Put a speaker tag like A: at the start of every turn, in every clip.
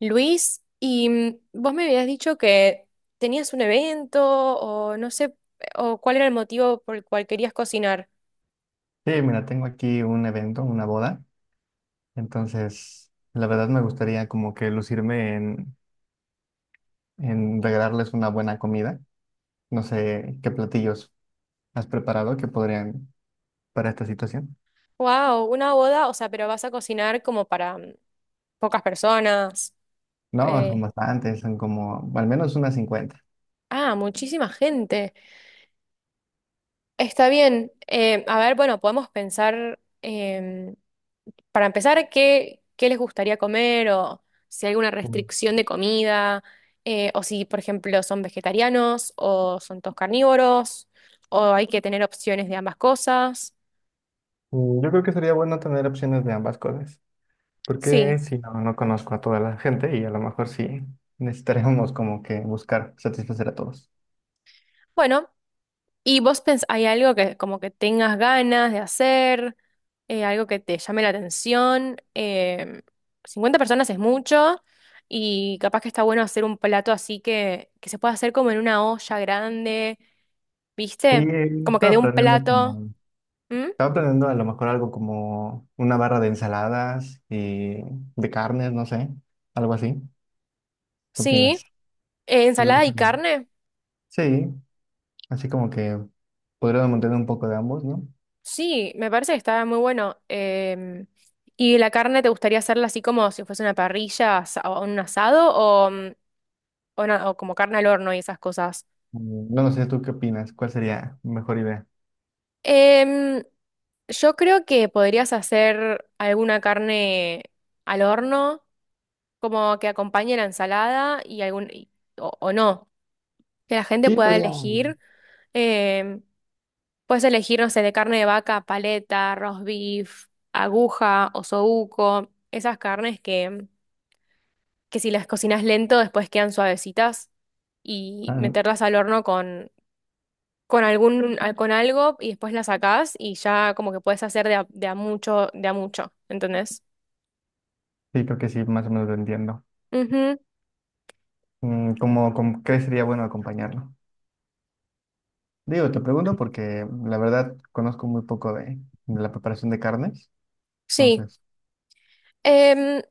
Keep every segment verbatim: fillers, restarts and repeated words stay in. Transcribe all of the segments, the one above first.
A: Luis, y mm, vos me habías dicho que tenías un evento o no sé, o cuál era el motivo por el cual querías cocinar.
B: Sí, mira, tengo aquí un evento, una boda, entonces la verdad me gustaría como que lucirme en, en regalarles una buena comida. No sé qué platillos has preparado que podrían para esta situación.
A: Wow, una boda, o sea, pero vas a cocinar como para mm, pocas personas.
B: No, son
A: eh,
B: bastantes, son como al menos unas cincuenta.
A: ah, muchísima gente. Está bien. Eh, a ver, bueno, podemos pensar. em, Para empezar, ¿qué, qué les gustaría comer o si hay alguna
B: Mm,
A: restricción de comida, eh, o si, por ejemplo, son vegetarianos o son todos carnívoros o hay que tener opciones de ambas cosas?
B: mm, Yo creo que sería bueno tener opciones de ambas cosas, porque
A: Sí.
B: si no, no conozco a toda la gente y a lo mejor sí necesitaríamos como que buscar satisfacer a todos.
A: Bueno, ¿y vos pens hay algo que como que tengas ganas de hacer, eh, algo que te llame la atención? Em, cincuenta personas es mucho y capaz que está bueno hacer un plato así que, que se pueda hacer como en una olla grande,
B: Sí,
A: ¿viste? Como que de
B: estaba
A: un
B: planeando
A: plato.
B: como
A: ¿Mm?
B: estaba planeando a lo mejor algo como una barra de ensaladas y de carnes, no sé, algo así. ¿Qué
A: Sí.
B: opinas?
A: Eh,
B: Creo que
A: ensalada
B: está
A: y
B: bien.
A: carne.
B: Sí, así como que podríamos mantener un poco de ambos, ¿no?
A: Sí, me parece que está muy bueno. Em, ¿y la carne te gustaría hacerla así como si fuese una parrilla asa- o un asado o, mm, o na- o como carne al horno y esas cosas?
B: Mm, No, no sé, ¿tú qué opinas? ¿Cuál sería mejor idea?
A: Em, yo creo que podrías hacer alguna carne al horno, como que acompañe la ensalada y algún y- o, o no, que la gente
B: Sí,
A: pueda
B: sería...
A: elegir. Em, Puedes elegir, no sé, de carne de vaca, paleta, roast beef, aguja, o osobuco, esas carnes que, que si las cocinas lento después quedan suavecitas y
B: Ah, n-
A: meterlas al horno con, con algún, al- con algo y después las sacás y ya como que puedes hacer de a, de a mucho, de a mucho, ¿entendés?
B: sí, creo que sí, más o menos lo entiendo.
A: Ujú.
B: Mm, ¿Cómo, cómo- qué sería bueno acompañarlo? Digo, te pregunto porque la verdad conozco muy poco de, de la preparación de carnes,
A: Sí.
B: entonces,
A: Em,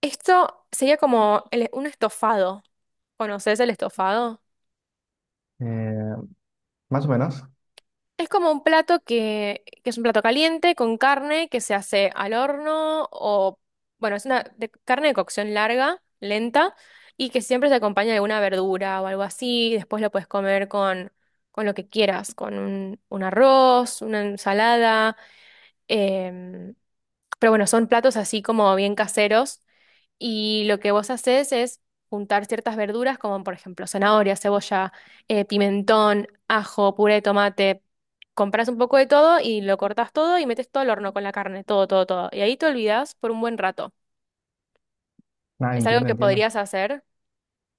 A: Esto sería como el- un estofado. ¿Conoces el estofado?
B: eh, más o menos.
A: Es como un plato que, que es un plato caliente con carne que se hace al horno o, bueno, es una de- carne de cocción larga, lenta, y que siempre se acompaña de alguna verdura o algo así. Y después lo puedes comer con, con lo que quieras, con un, un arroz, una ensalada. em, pero bueno, son platos así como bien caseros y lo que vos haces es juntar ciertas verduras como por ejemplo zanahoria, cebolla, eh, pimentón, ajo, puré de tomate. Compras un poco de todo y lo cortas todo y metes todo al horno con la carne, todo, todo, todo. Y ahí te olvidas por un buen rato.
B: Ah,
A: Es algo
B: entiendo,
A: que
B: entiendo.
A: podrías hacer.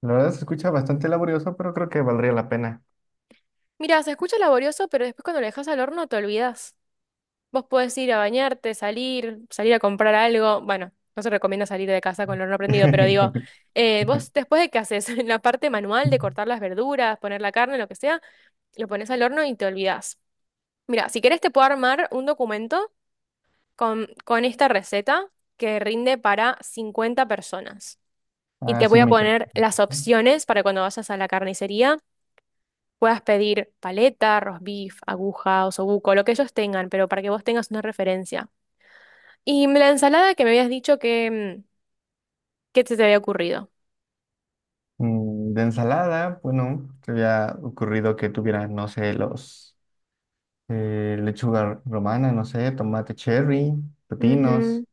B: La verdad se escucha bastante laborioso, pero creo que valdría la pena.
A: Mira, se escucha laborioso, pero después cuando lo dejas al horno te olvidas. Vos podés ir a bañarte, salir, salir a comprar algo. Bueno, no se recomienda salir de casa con el horno prendido, pero digo, eh, vos después de que haces en la parte manual de cortar las verduras, poner la carne, lo que sea, lo pones al horno y te olvidás. Mira, si querés te puedo armar un documento con, con esta receta que rinde para cincuenta personas. Y
B: Ah,
A: te
B: sí,
A: voy a
B: me interesa.
A: poner las opciones para cuando vayas a la carnicería. Puedas pedir paleta, roast beef, aguja, osobuco, lo que ellos tengan, pero para que vos tengas una referencia. Y la ensalada que me habías dicho que, mm, que te, te había ocurrido.
B: Mm, De ensalada, bueno, se había ocurrido que tuviera, no sé, los eh, lechuga romana, no sé, tomate cherry, pepinos,
A: Ujú.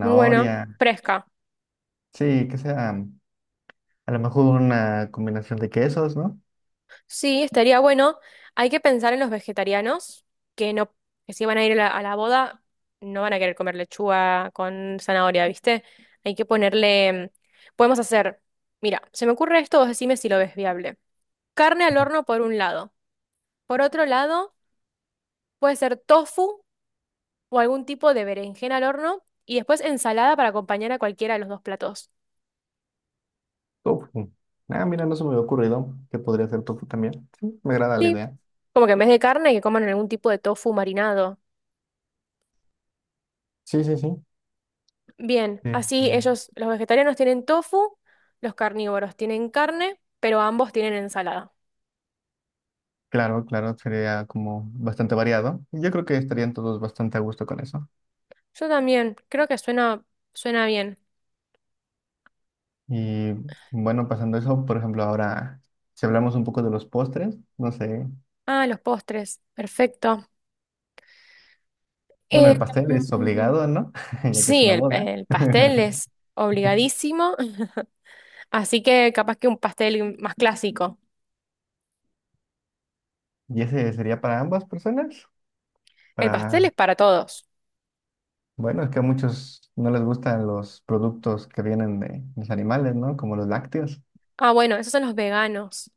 A: Muy bueno, fresca.
B: Sí, que sea mm, a lo mejor una combinación de quesos, ¿no?
A: Sí, estaría bueno. Hay que pensar en los vegetarianos que no, que si van a ir a la, a la boda, no van a querer comer lechuga con zanahoria, ¿viste? Hay que ponerle. mm, Podemos hacer. Mira, se me ocurre esto, vos decime si lo ves viable. Carne al horno por un lado. Por otro lado, puede ser tofu o algún tipo de berenjena al horno. Y después ensalada para acompañar a cualquiera de los dos platos.
B: Tofu. Ah, mira, no se me había ocurrido que podría ser tofu también. Sí, me agrada la
A: Sí,
B: idea.
A: como que en vez de carne que coman algún tipo de tofu marinado.
B: Sí, sí, sí.
A: Bien, así
B: Sí.
A: ellos, los vegetarianos tienen tofu, los carnívoros tienen carne, pero ambos tienen ensalada.
B: Claro, claro, sería como bastante variado. Yo creo que estarían todos bastante a gusto con eso.
A: Yo también, creo que suena, suena bien.
B: Y bueno, pasando eso, por ejemplo, ahora, si hablamos un poco de los postres, no sé,
A: Ah, los postres, perfecto.
B: bueno,
A: Eh,
B: el pastel es
A: mm,
B: obligado, ¿no? Ya que es
A: sí,
B: una
A: el,
B: boda.
A: el pastel es obligadísimo, así que capaz que un pastel más clásico.
B: Y ese sería para ambas personas,
A: El pastel
B: para,
A: es para todos.
B: bueno, es que a muchos no les gustan los productos que vienen de los animales, ¿no? Como los lácteos.
A: Ah, bueno, esos son los veganos.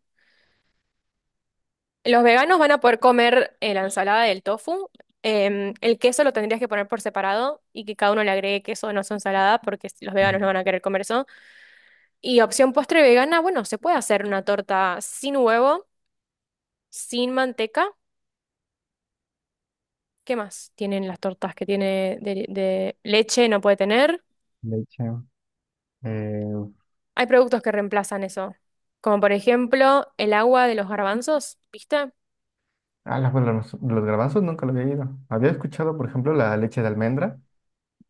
A: Los veganos van a poder comer eh, la ensalada del tofu. Em, el queso lo tendrías que poner por separado y que cada uno le agregue queso no su ensalada porque s- los veganos no
B: Ujú.
A: van a querer comer eso. Y opción postre vegana, bueno, se puede hacer una torta sin huevo, sin manteca. ¿Qué más tienen las tortas que tiene de, de leche? No puede tener.
B: Leche. Eh,
A: Hay productos que reemplazan eso, como por ejemplo el agua de los garbanzos, ¿viste?
B: ah, la- bueno, los, los garbanzos nunca lo había oído. Había escuchado, por ejemplo, la leche de almendra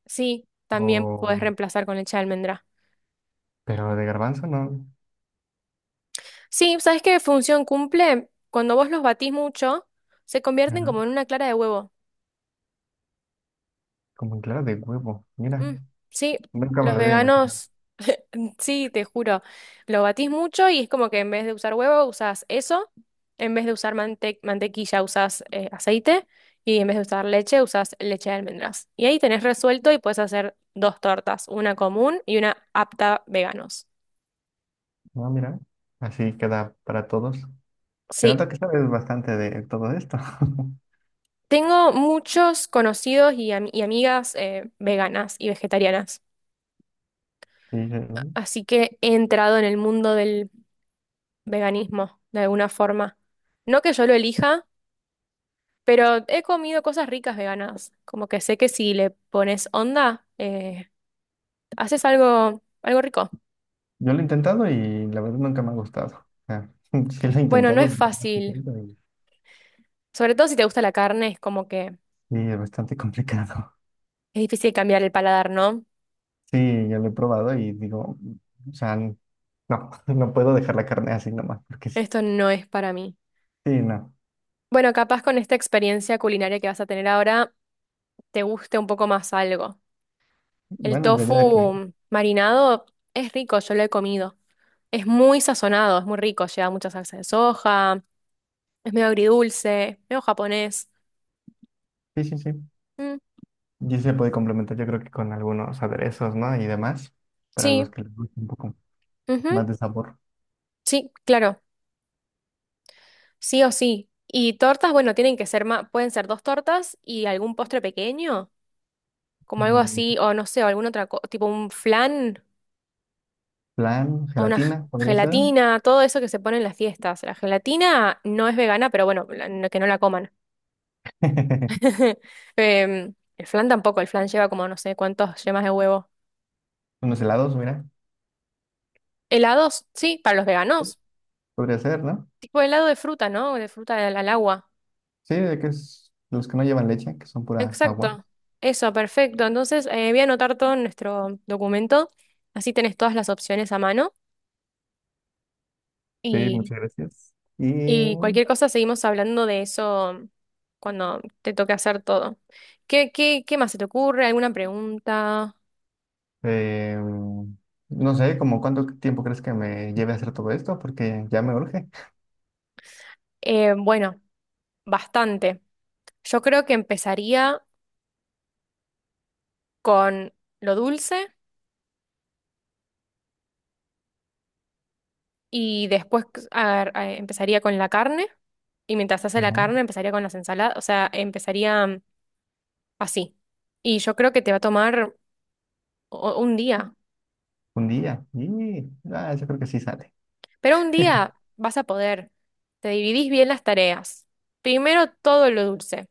A: Sí, también puedes
B: o,
A: reemplazar con leche de almendra.
B: pero de garbanzo no.
A: Sí, ¿sabes qué función cumple? Cuando vos los batís mucho, se convierten
B: Ajá.
A: como en una clara de huevo.
B: Como claro, de huevo. Mira,
A: Mm, sí.
B: nunca me
A: Los
B: lo hubiera imaginado.
A: veganos, mm, sí, te juro, lo batís mucho y es como que en vez de usar huevo, usás eso, en vez de usar mante- mantequilla, usás eh, aceite y en vez de usar leche, usás leche de almendras. Y ahí tenés resuelto y puedes hacer dos tortas, una común y una apta veganos.
B: No, mira, así queda para todos. Se
A: Sí,
B: nota que sabes bastante de todo esto.
A: tengo muchos conocidos y, am- y amigas eh, veganas y vegetarianas.
B: Sí, eh,
A: Así que he entrado en el mundo del veganismo, de alguna forma. No que yo lo elija, pero he comido cosas ricas veganas. Como que sé que si le pones onda, eh, haces algo, algo rico.
B: yo lo he intentado y la verdad nunca me ha gustado. O sea, sí lo he
A: Bueno, no es
B: intentado, pero más que
A: fácil.
B: intento y,
A: Sobre todo si te gusta la carne, es como que
B: y es bastante complicado.
A: es difícil cambiar el paladar, ¿no?
B: Sí, yo lo he probado y digo, o sea, n- no, no puedo dejar la carne así nomás, porque sí.
A: Esto no es para mí.
B: Sí, no.
A: Bueno, capaz con esta experiencia culinaria que vas a tener ahora, te guste un poco más algo. El
B: Bueno, y la vida que...
A: tofu marinado es rico, yo lo he comido. Es muy sazonado, es muy rico, lleva mucha salsa de soja, es medio agridulce, medio japonés.
B: Sí, sí, sí.
A: Mm,
B: Y sí se puede complementar, yo creo que con algunos aderezos, ¿no? Y demás, para
A: sí,
B: los que les guste un poco
A: ujú,
B: más de sabor.
A: sí, claro, sí o sí. Y tortas, bueno, tienen que ser más, pueden ser dos tortas y algún postre pequeño, como algo
B: Mm,
A: así, o no sé, o alguna otra cosa, tipo un flan
B: Plan,
A: o una g-
B: gelatina, podría ser.
A: gelatina, todo eso que se pone en las fiestas. La gelatina no es vegana, pero bueno, la- no- que no la coman. Em, el flan tampoco, el flan lleva como no sé cuántos yemas de huevo.
B: Unos helados, mira.
A: Helados, sí, para los veganos.
B: Podría ser, ¿no?
A: Tipo helado de fruta, ¿no? De fruta al, al agua.
B: Sí, de que es los que no llevan leche, que son pura agua.
A: Exacto. Eso, perfecto. Entonces, eh, voy a anotar todo en nuestro documento. Así tenés todas las opciones a mano.
B: Sí,
A: Y,
B: muchas gracias. Y
A: y cualquier cosa seguimos hablando de eso cuando te toque hacer todo. ¿Qué, qué, qué más se te ocurre? ¿Alguna pregunta?
B: eh, no sé, como cuánto tiempo crees que me lleve a hacer todo esto, porque ya me urge.
A: Eh, bueno, bastante. Yo creo que empezaría con lo dulce. Y después a- a- empezaría con la carne. Y mientras hace la
B: Ajá.
A: carne, empezaría con las ensaladas. O sea, empezaría mm, así. Y yo creo que te va a tomar o- un día.
B: Un día. Y ah, yo creo que sí sale.
A: Pero un día vas a poder. Te dividís bien las tareas. Primero todo lo dulce.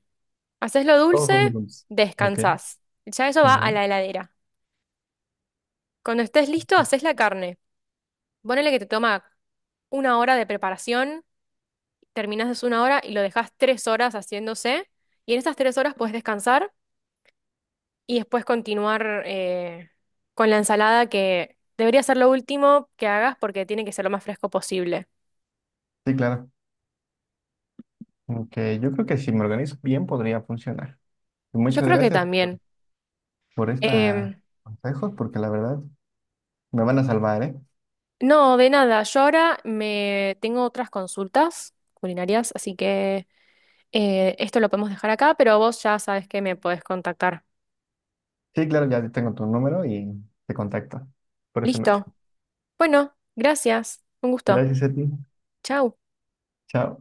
A: Haces lo
B: Todos
A: dulce,
B: son menús. Ok.
A: descansás. Ya eso va a
B: Ujú.
A: la heladera. Cuando estés listo, haces la carne. Ponele que te toma una hora de preparación, terminás de una hora y lo dejas tres horas haciéndose. Y en esas tres horas puedes descansar y después continuar eh, con la ensalada, que debería ser lo último que hagas porque tiene que ser lo más fresco posible.
B: Sí, claro. Ok, yo creo que si me organizo bien podría funcionar. Y
A: Yo
B: muchas
A: creo que
B: gracias por,
A: también.
B: por estos
A: Em,
B: consejos, porque la verdad me van a salvar, ¿eh?
A: no, de nada. Yo ahora me tengo otras consultas culinarias, así que eh, esto lo podemos dejar acá, pero vos ya sabes que me podés contactar.
B: Sí, claro, ya tengo tu número y te contacto por ese medio.
A: Listo. Bueno, gracias. Un gusto.
B: Gracias a ti.
A: Chau.
B: Chao.